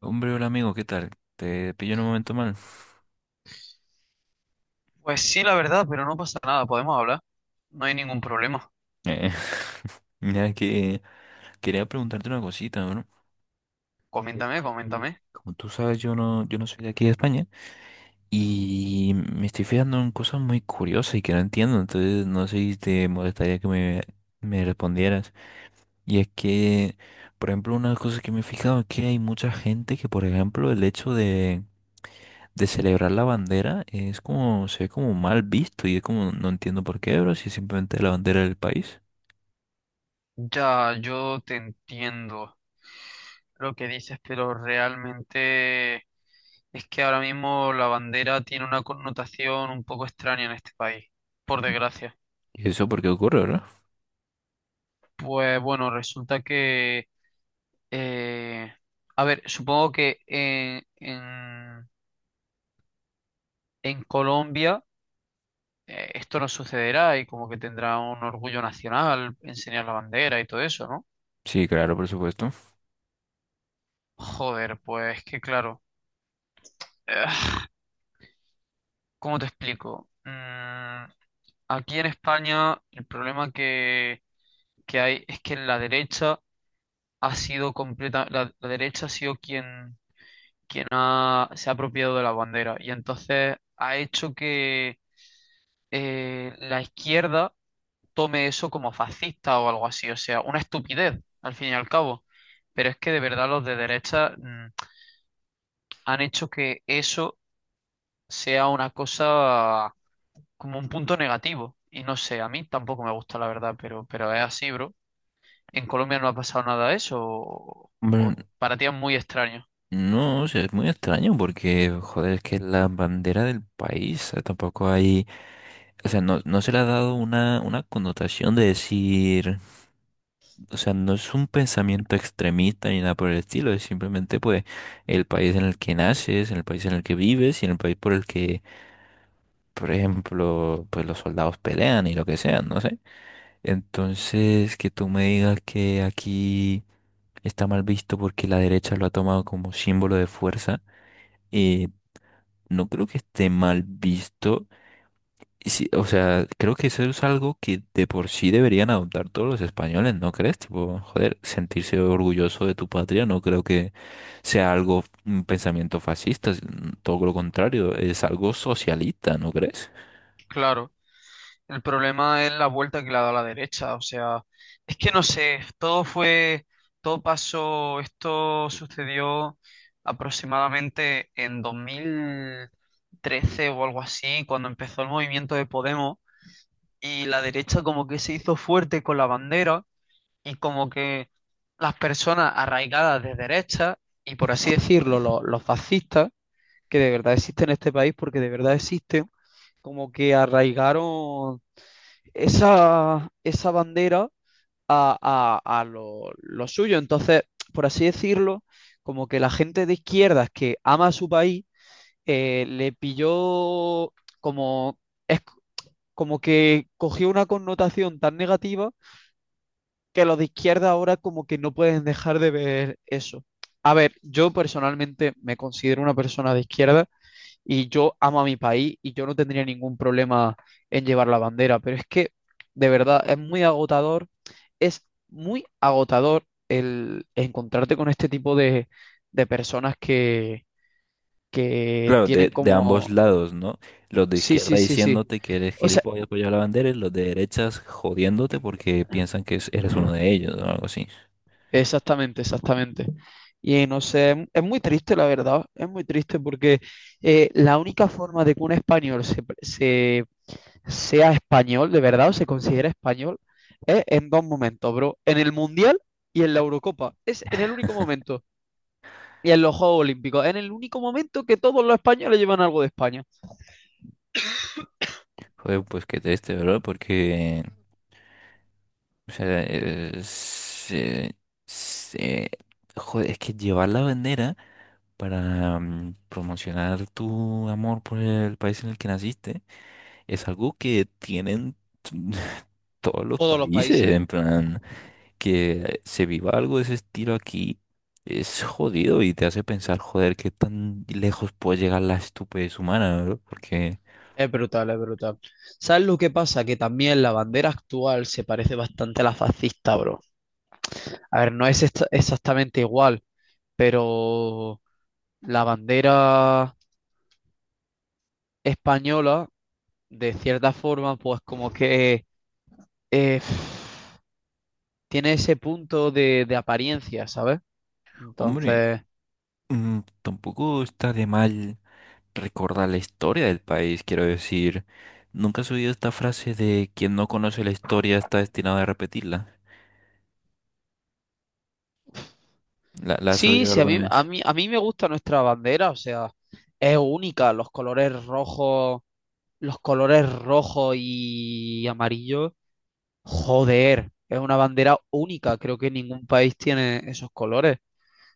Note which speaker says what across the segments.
Speaker 1: Hombre, hola amigo, ¿qué tal? Te pillo en un momento mal.
Speaker 2: Pues sí, la verdad, pero no pasa nada, podemos hablar. No hay ningún problema.
Speaker 1: Eh, mira que quería preguntarte una cosita, ¿no?
Speaker 2: Coméntame, coméntame.
Speaker 1: Como tú sabes, yo no soy de aquí de España y me estoy fijando en cosas muy curiosas y que no entiendo, entonces no sé si te molestaría me respondieras. Y es que, por ejemplo, una cosa que me he fijado es que hay mucha gente que, por ejemplo, el hecho de celebrar la bandera es como, se ve como mal visto y es como, no entiendo por qué, bro, si es simplemente la bandera del país.
Speaker 2: Ya, yo te entiendo lo que dices, pero realmente es que ahora mismo la bandera tiene una connotación un poco extraña en este país, por desgracia.
Speaker 1: ¿Y eso por qué ocurre, verdad?
Speaker 2: Pues bueno, resulta que eh, a ver, supongo que en en Colombia... esto no sucederá y como que tendrá un orgullo nacional enseñar la bandera y todo eso, ¿no?
Speaker 1: Sí, claro, por supuesto.
Speaker 2: Joder, pues que claro, eh, ¿cómo te explico? Aquí en España el problema que hay es que la derecha ha sido completa, la derecha ha sido quien ha, se ha apropiado de la bandera y entonces ha hecho que la izquierda tome eso como fascista o algo así. O sea, una estupidez, al fin y al cabo. Pero es que de verdad los de derecha han hecho que eso sea una cosa como un punto negativo. Y no sé, a mí tampoco me gusta la verdad, pero es así, bro. En Colombia no ha pasado nada de eso,
Speaker 1: Bueno,
Speaker 2: o para ti es muy extraño.
Speaker 1: no, o sea, es muy extraño porque, joder, es que la bandera del país, o tampoco hay, o sea, no se le ha dado una connotación de decir, o sea, no es un pensamiento extremista ni nada por el estilo, es simplemente pues el país en el que naces, en el país en el que vives y en el país por el que, por ejemplo, pues los soldados pelean y lo que sea, no sé. Entonces, que tú me digas que aquí está mal visto porque la derecha lo ha tomado como símbolo de fuerza. Eh, no creo que esté mal visto. Y sí, o sea, creo que eso es algo que de por sí deberían adoptar todos los españoles, ¿no crees? Tipo, joder, sentirse orgulloso de tu patria no creo que sea algo, un pensamiento fascista, todo lo contrario, es algo socialista, ¿no crees?
Speaker 2: Claro. El problema es la vuelta que le ha dado a la derecha, o sea, es que no sé, todo fue, todo pasó, esto sucedió aproximadamente en 2013 o algo así, cuando empezó el movimiento de Podemos y la derecha como que se hizo fuerte con la bandera y como que las personas arraigadas de derecha y por así decirlo, los fascistas, que de verdad existen en este país porque de verdad existen, como que arraigaron esa bandera a, lo suyo. Entonces, por así decirlo, como que la gente de izquierdas que ama a su país, le pilló como, es como que cogió una connotación tan negativa que los de izquierda ahora como que no pueden dejar de ver eso. A ver, yo personalmente me considero una persona de izquierda y yo amo a mi país y yo no tendría ningún problema en llevar la bandera, pero es que de verdad es muy agotador el encontrarte con este tipo de personas que
Speaker 1: Claro,
Speaker 2: tienen
Speaker 1: de ambos
Speaker 2: como,
Speaker 1: lados, ¿no? Los de
Speaker 2: sí,
Speaker 1: izquierda
Speaker 2: sí, sí, sí,
Speaker 1: diciéndote que eres
Speaker 2: o sea,
Speaker 1: gilipollas por llevar la bandera y los de derechas jodiéndote porque piensan que eres uno de ellos o algo así.
Speaker 2: exactamente, exactamente. Y no sé, es muy triste la verdad, es muy triste porque la única forma de que un español se, se sea español, de verdad, o se considera español, es en dos momentos, bro. En el Mundial y en la Eurocopa. Es en el único momento. Y en los Juegos Olímpicos. En el único momento que todos los españoles llevan algo de España.
Speaker 1: Joder, pues qué triste, ¿verdad? Porque, o sea, se- joder, es que llevar la bandera para promocionar tu amor por el país en el que naciste es algo que tienen todos los
Speaker 2: Todos los
Speaker 1: países,
Speaker 2: países.
Speaker 1: en plan, que se viva algo de ese estilo aquí. Es jodido y te hace pensar, joder, qué tan lejos puede llegar la estupidez humana, ¿no? Porque,
Speaker 2: Es brutal, es brutal. ¿Sabes lo que pasa? Que también la bandera actual se parece bastante a la fascista, bro. A ver, no es exactamente igual, pero la bandera española, de cierta forma, pues como que... eh, tiene ese punto de apariencia, ¿sabes?
Speaker 1: hombre,
Speaker 2: Entonces,
Speaker 1: tampoco está de mal recordar la historia del país, quiero decir. ¿Nunca has oído esta frase de quien no conoce la historia está destinado a repetirla? La has
Speaker 2: sí,
Speaker 1: oído
Speaker 2: sí,
Speaker 1: alguna vez.
Speaker 2: a mí me gusta nuestra bandera, o sea, es única, los colores rojos y amarillos, joder, es una bandera única, creo que ningún país tiene esos colores.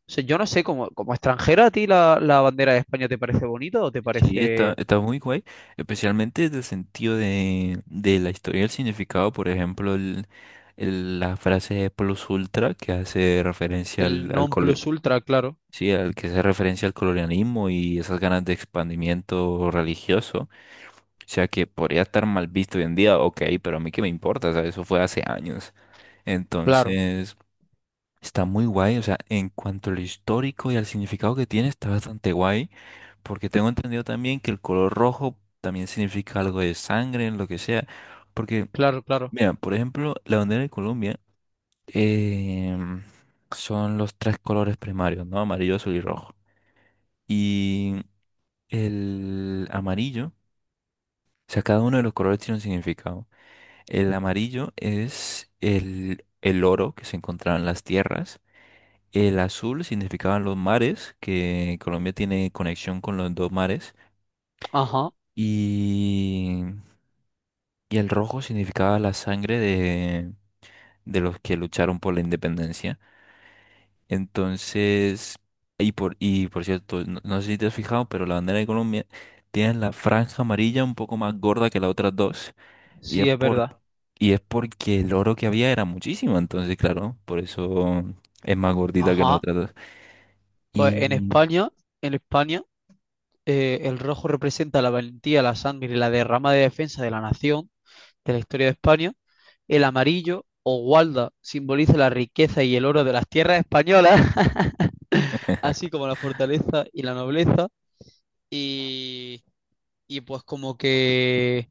Speaker 2: O sea, yo no sé, como, como extranjera, ¿a ti la bandera de España te parece bonita o te
Speaker 1: Sí,
Speaker 2: parece
Speaker 1: está muy guay, especialmente desde el sentido de la historia y el significado, por ejemplo, la frase plus ultra que hace referencia
Speaker 2: el
Speaker 1: al
Speaker 2: non
Speaker 1: colo-
Speaker 2: plus ultra? Claro,
Speaker 1: sí, al que hace referencia al colonialismo y esas ganas de expandimiento religioso. O sea que podría estar mal visto hoy en día, ok, pero a mí qué me importa, o sea, eso fue hace años.
Speaker 2: claro,
Speaker 1: Entonces, está muy guay, o sea, en cuanto a lo histórico y al significado que tiene, está bastante guay, porque tengo entendido también que el color rojo también significa algo de sangre, lo que sea, porque,
Speaker 2: claro, claro.
Speaker 1: mira, por ejemplo, la bandera de Colombia em, son los tres colores primarios, ¿no? Amarillo, azul y rojo. Y el amarillo, o sea, cada uno de los colores tiene un significado. El amarillo es el oro que se encontraba en las tierras. El azul significaban los mares, que Colombia tiene conexión con los dos mares.
Speaker 2: Ajá,
Speaker 1: Y, y el rojo significaba la sangre de los que lucharon por la independencia. Entonces, y por cierto, no sé si te has fijado, pero la bandera de Colombia tiene la franja amarilla un poco más gorda que las otras dos. Y es
Speaker 2: sí, es
Speaker 1: por,
Speaker 2: verdad.
Speaker 1: y es porque el oro que había era muchísimo. Entonces, claro, por eso es más gordita que las
Speaker 2: Ajá.
Speaker 1: otras dos.
Speaker 2: Pues
Speaker 1: Y
Speaker 2: En España, el rojo representa la valentía, la sangre y la derrama de defensa de la nación, de la historia de España. El amarillo o gualda simboliza la riqueza y el oro de las tierras españolas, así como la fortaleza y la nobleza. Y, y pues como que...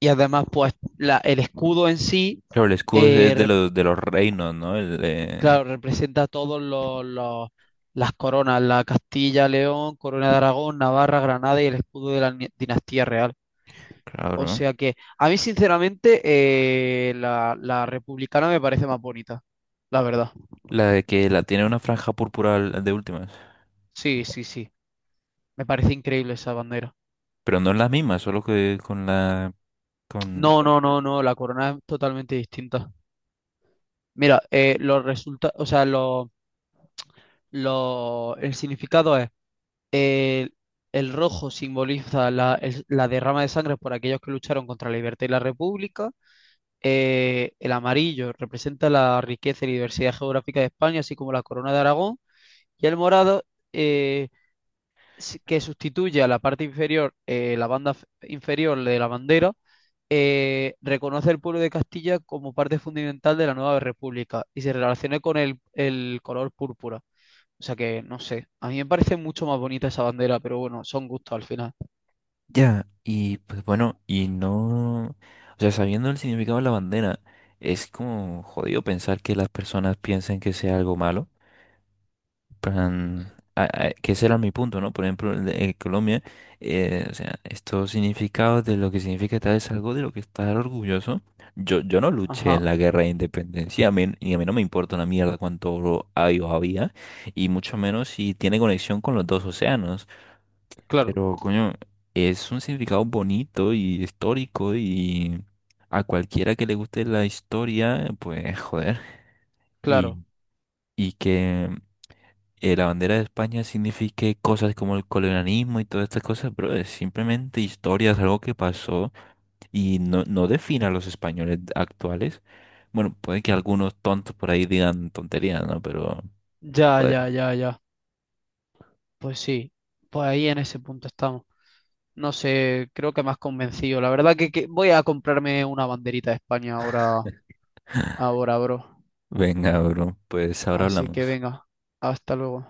Speaker 2: Y además, pues el escudo en sí
Speaker 1: claro, el escudo es
Speaker 2: representa.
Speaker 1: de los reinos, ¿no?
Speaker 2: Claro, representa todos las coronas, la Castilla, León, Corona de Aragón, Navarra, Granada y el escudo de la dinastía real. O
Speaker 1: Claro.
Speaker 2: sea que a mí sinceramente la republicana me parece más bonita, la verdad.
Speaker 1: La de que la tiene una franja púrpura al- de últimas.
Speaker 2: Sí, sí, sí. Me parece increíble esa bandera.
Speaker 1: Pero no es la misma, solo que con la, con.
Speaker 2: No, no, no, no, la corona es totalmente distinta. Mira, los o sea, el significado es. El, el rojo simboliza la, la derrama de sangre por aquellos que lucharon contra la libertad y la república. El amarillo representa la riqueza y la diversidad geográfica de España, así como la corona de Aragón. Y el morado, eh, que sustituye a la parte inferior, la banda inferior de la bandera, reconoce el pueblo de Castilla como parte fundamental de la nueva república y se relaciona con el color púrpura. O sea que, no sé, a mí me parece mucho más bonita esa bandera, pero bueno, son gustos al final.
Speaker 1: Ya. Y pues bueno, y no. O sea, sabiendo el significado de la bandera, es como jodido pensar que las personas piensen que sea algo malo. Plan, que ese era mi punto, ¿no? Por ejemplo, en Colombia, o sea, estos significados de lo que significa tal es algo de lo que estar orgulloso. Yo no luché
Speaker 2: Ajá,
Speaker 1: en la guerra de independencia, a mí, y a mí no me importa una mierda cuánto oro hay o había, y mucho menos si tiene conexión con los dos océanos.
Speaker 2: claro,
Speaker 1: Pero, coño, es un significado bonito y histórico y a cualquiera que le guste la historia, pues, joder. Y,
Speaker 2: claro.
Speaker 1: y que la bandera de España signifique cosas como el colonialismo y todas estas cosas, pero es simplemente historias, algo que pasó y no define a los españoles actuales. Bueno, puede que algunos tontos por ahí digan tonterías, ¿no? Pero,
Speaker 2: Ya,
Speaker 1: joder,
Speaker 2: ya, ya, ya. Pues sí, pues ahí en ese punto estamos. No sé, creo que me has convencido. La verdad que voy a comprarme una banderita de España ahora, ahora, bro.
Speaker 1: venga, bro, pues ahora
Speaker 2: Así que
Speaker 1: hablamos.
Speaker 2: venga, hasta luego.